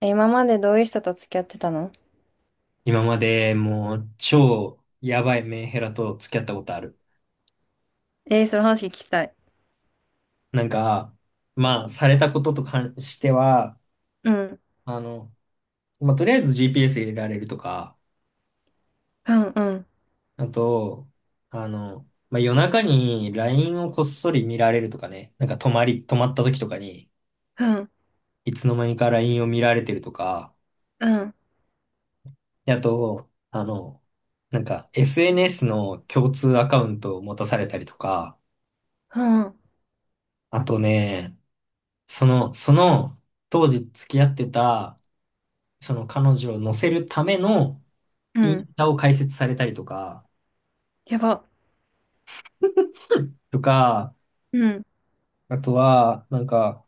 え、今までどういう人と付き合ってたの？今までもう超やばいメンヘラと付き合ったことある。えー、その話聞きたい。なんか、まあ、されたことと関しては、うん、あの、まあ、とりあえず GPS 入れられるとか、うん。うん、あと、まあ、夜中に LINE をこっそり見られるとかね、なんか泊まった時とかに、うん。いつの間にか LINE を見られてるとか、うん、であと、なんか SNS の共通アカウントを持たされたりとか、うん。あとね、その、当時付き合ってた、その彼女を乗せるためのうインん。スタを開設されたりとか、やば。とか、うん、あとは、なんか、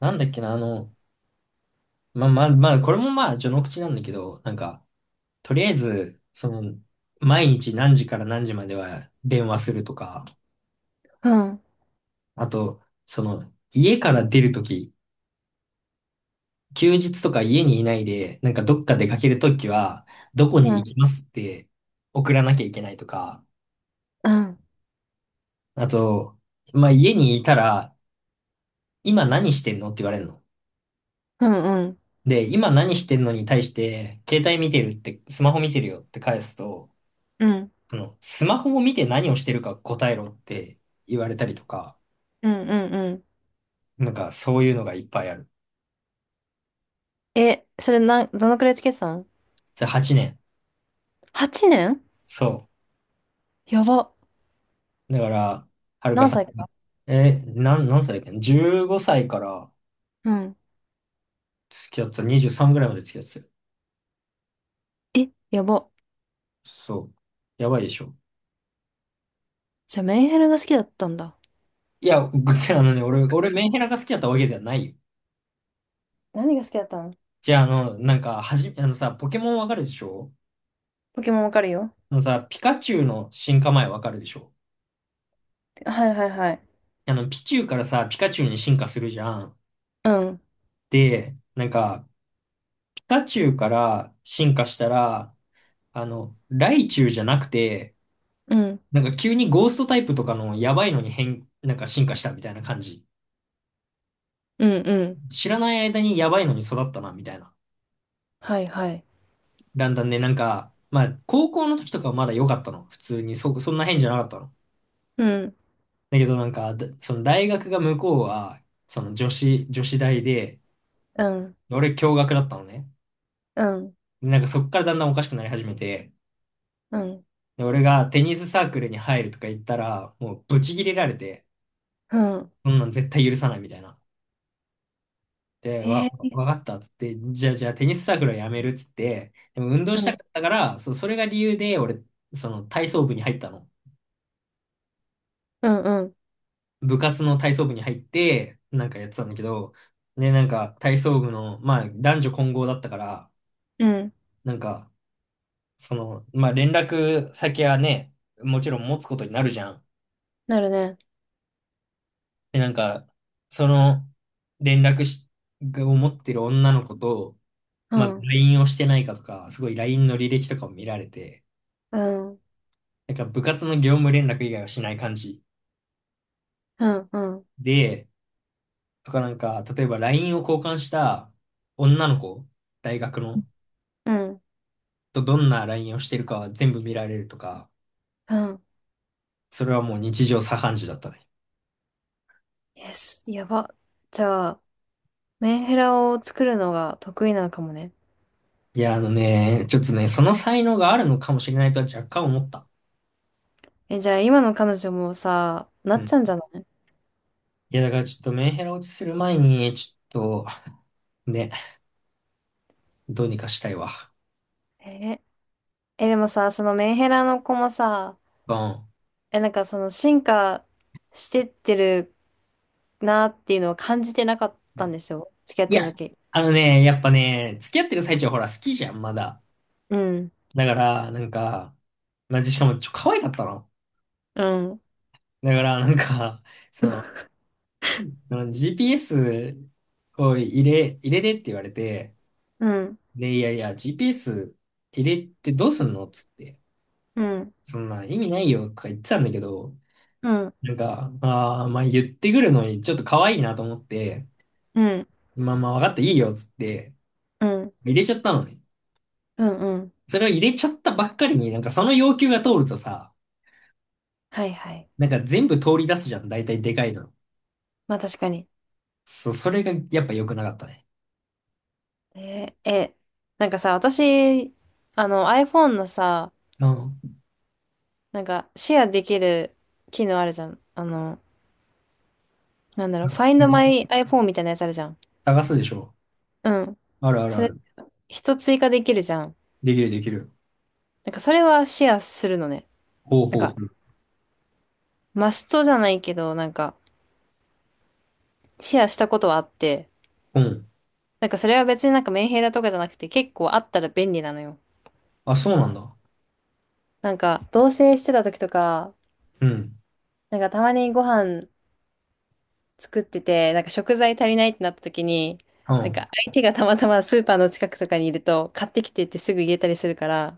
なんだっけな、まあ、これもまあ、序の口なんだけど、なんか、とりあえず、その、毎日何時から何時までは電話するとか、うん。あと、その、家から出るとき、休日とか家にいないで、なんかどっか出かけるときは、どこうにん、行きますって送らなきゃいけないとか、うん。あと、まあ、家にいたら、今何してんのって言われるの。うん、うん。で、今何してんのに対して、携帯見てるって、スマホ見てるよって返すと、うん、うん。その、スマホを見て何をしてるか答えろって言われたりとか、うん。なんかそういうのがいっぱいある。え、それなん、どのくらい付き合ってたの？ じゃあ8年。8 年？そやば。う。だから、はるか何さん歳かが、ら？え、なん、何歳だっけ？ 15 歳からうん。付き合ってた、23ぐらいまで付き合ってたよ。え、やば。そう。やばいでしょ。じゃあメンヘラが好きだったんだ。いや、あのね、俺、メンヘラが好きだったわけではないよ。何が好きだったの？じゃあ、あの、なんか、あのさ、ポケモンわかるでしょ？ポケモンわかるよ。あのさ、ピカチュウの進化前わかるでしょ？はいはいはい。あの、ピチュウからさ、ピカチュウに進化するじゃん。うん、で、なんか、ピカチュウから進化したら、あの、ライチュウじゃなくて、うん。なんか急にゴーストタイプとかのやばいのになんか進化したみたいな感じ。うん、うん。知らない間にやばいのに育ったな、みたいな。はいはい。だんだんね、なんか、まあ、高校の時とかはまだ良かったの。普通に、そんな変じゃなかったの。うん、だけどなんか、その大学が向こうは、その女子大で、うん。俺共学だったのね。うん、でなんかそっからだんだんおかしくなり始めて、うん。で、俺がテニスサークルに入るとか言ったら、もうブチギレられて、うん。そんなん絶対許さないみたいな。で、へ。わかったっつって、じゃあテニスサークルはやめるっつって、でも運動うしたん、かったから、それが理由で俺、その体操部に入ったの。うん。うん、部活の体操部に入って、なんかやってたんだけど、で、なんか体操部の、まあ男女混合だったから、うん。なんか、その、まあ、連絡先はね、もちろん持つことになるじゃん。なるね。で、なんか、その、連絡し、を持ってる女の子と、うまず ん、LINE をしてないかとか、すごい LINE の履歴とかを見られて、うん。うん、なんか部活の業務連絡以外はしない感じうん。で、とかなんか、例えば LINE を交換した女の子、大学の、うん、とどんな LINE をしてるかは全部見られるとか、うん。それはもう日常茶飯事だったね。Yes、やば。じゃあ、メンヘラを作るのが得意なのかもね。いや、あのね、ちょっとね、その才能があるのかもしれないとは若干思った。え、じゃあ今の彼女もさ、なうっん。ちゃうんじゃない？いや、だからちょっとメンヘラ落ちする前に、ちょっと、ね、どうにかしたいわ。え、え、でもさ、そのメンヘラの子もさ、うん。え、その進化してってるなっていうのを感じてなかったんですよ。付き合っいてたや、時。あのね、やっぱね、付き合ってる最中はほら、好きじゃん、まだ。うん、だから、なんか、まあ、しかも、可愛かったの。うん。だから、なんか、その、その GPS を入れてって言われて、うん、で、いやいや、GPS 入れてどうすんのっつって、うん。そんな意味ないよとか言ってたんだけど、うん、なんか、ああ、まあ言ってくるのにちょっと可愛いなと思って、うん。うん、まあまあ分かったいいよっつって入れちゃったのね。うん。うん。それを入れちゃったばっかりになんかその要求が通るとさ、はいはい。なんか全部通り出すじゃん。大体でかいの。まあ確かに。そう、それがやっぱ良くなかったね。えー、え、なんかさ、私、iPhone のさ、うん。シェアできる機能あるじゃん。あの、なんだろう、Find My iPhone みたいなやつあるじゃん。探すでしょ。うん。あるあるそあれ、る。人追加できるじゃん。できるできる。それはシェアするのね。ほうなんほうほか、う。マストじゃないけど、シェアしたことはあって、うん。それは別にメンヘラとかじゃなくて結構あったら便利なのよ。あ、そうなんだ。同棲してた時とか、うん。たまにご飯作ってて、食材足りないってなった時に、うん。相手がたまたまスーパーの近くとかにいると、買ってきてってすぐ言えたりするから、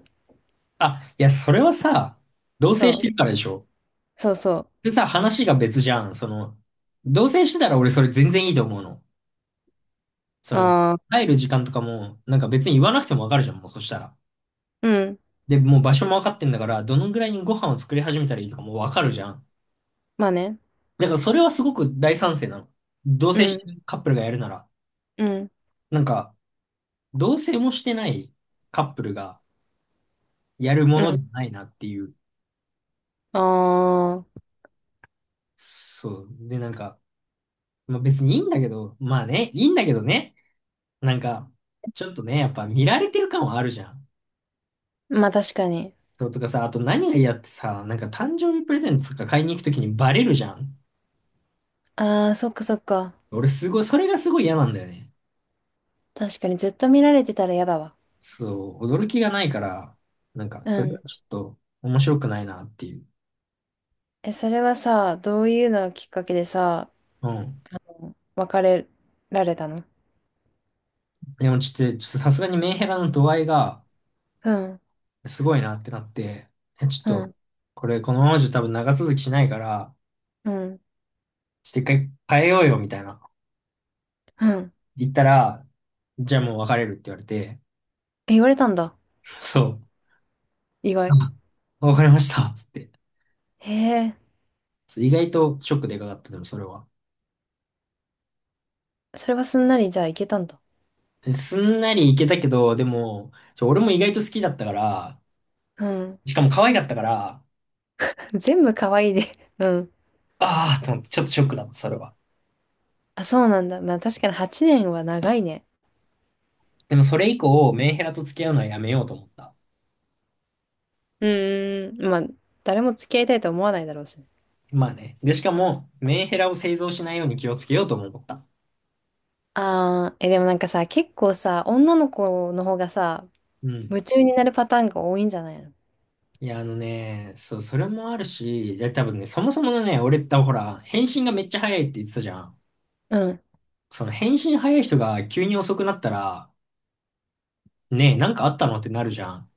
あ、いや、それはさ、同棲しそてるう、からでしょ。そうそう。でさ、話が別じゃん。その、同棲してたら俺それ全然いいと思うの。その、ああ、帰る時間とかも、なんか別に言わなくてもわかるじゃん、もうそしたら。うん、で、もう場所も分かってんだから、どのぐらいにご飯を作り始めたらいいとかも分かるじゃん。まあね。だからそれはすごく大賛成なの。同う棲してん、るカップルがやるなら。うん、なんか、同棲もしてないカップルがやるもうのじん。ゃないなっていう。ああ、そう。で、なんか、まあ、別にいいんだけど、まあね、いいんだけどね。なんか、ちょっとね、やっぱ見られてる感はあるじゃん。まあ確かに。そうとかさ、あと何が嫌ってさ、なんか誕生日プレゼントとか買いに行くときにバレるじゃん。ああ、そっかそっか。俺すごい、それがすごい嫌なんだよね。確かにずっと見られてたら嫌だわ。そう、驚きがないから、なんか、そうれがん。ちょっと面白くないなっていう。え、それはさ、どういうのがきっかけでさ、うん。別れられたの？でもちょっと、ちょっとさすがにメンヘラの度合いがうん、すごいなってなって、ちょうっと、ん。これこのままじゃ多分長続きしないから、うん、ちょっと一回変えようよみたいな。うん。言ったら、じゃあもう別れるって言われて、え、言われたんだ。そう。意外。あ、わかりましたっつって。へえ。そう意外とショックでかかった、でもそれは。それはすんなりじゃあいけたんだ。すんなりいけたけど、でも、俺も意外と好きだったから、うん。しかも可愛かったから、全部可愛いで。うん。ああ、と思って、ちょっとショックだった、それは。あ、そうなんだ。まあ確かに8年は長いね。でもそれ以降、メンヘラと付き合うのはやめようと思った。うーん。まあ、誰も付き合いたいと思わないだろうしね。まあね。で、しかも、メンヘラを製造しないように気をつけようとも思った。あー、え、でもなんかさ、結構さ、女の子の方がさ、うん。夢中になるパターンが多いんじゃないの？いや、あのね、そう、それもあるし、で、多分ね、そもそものね、俺ってほら、返信がめっちゃ早いって言ってたじゃん。うん。その返信早い人が急に遅くなったら、ねえ、なんかあったのってなるじゃん。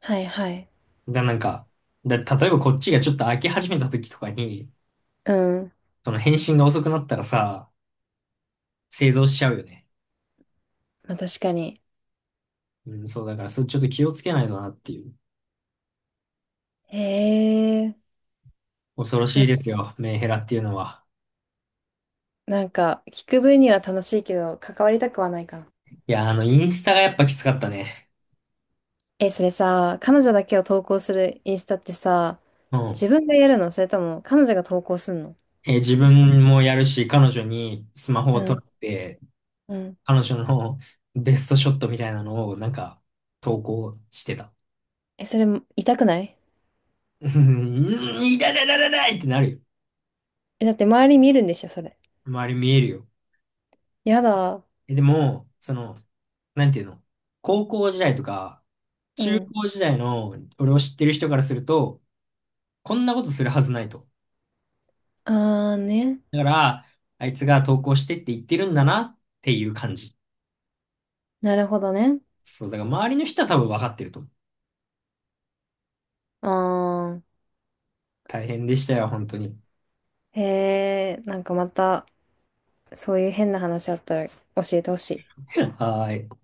はいはい。なんか、例えばこっちがちょっと開き始めた時とかに、うん。その返信が遅くなったらさ、製造しちゃうよね。まあ確かに。うん、そう、だから、それちょっと気をつけないとなっていう。へえ。恐ろしな、いですよ、メンヘラっていうのは。聞く分には楽しいけど、関わりたくはないかな。いや、あの、インスタがやっぱきつかったね。え、それさ、彼女だけを投稿するインスタってさ、うん。自分がやるのそれとも彼女が投稿すんの？え、自分もやるし、彼女にスマホうを撮っん、て、うん。彼女のベストショットみたいなのを、なんか、投稿してた。え、それ痛くない？うん、いだだだだだいってなるよ。え、だって周り見るんでしょ、それ。周り見えるよ。やだ。え、でも、その、なんていうの、高校時代とか、う中ん。高時代の俺を知ってる人からすると、こんなことするはずないと。あーね。だから、あいつが投稿してって言ってるんだなっていう感じ。なるほどね。そう、だから周りの人は多分分かってると思う。あー。大変でしたよ、本当に。へえ、なんかまた、そういう変な話あったら教えてほしい。はーい。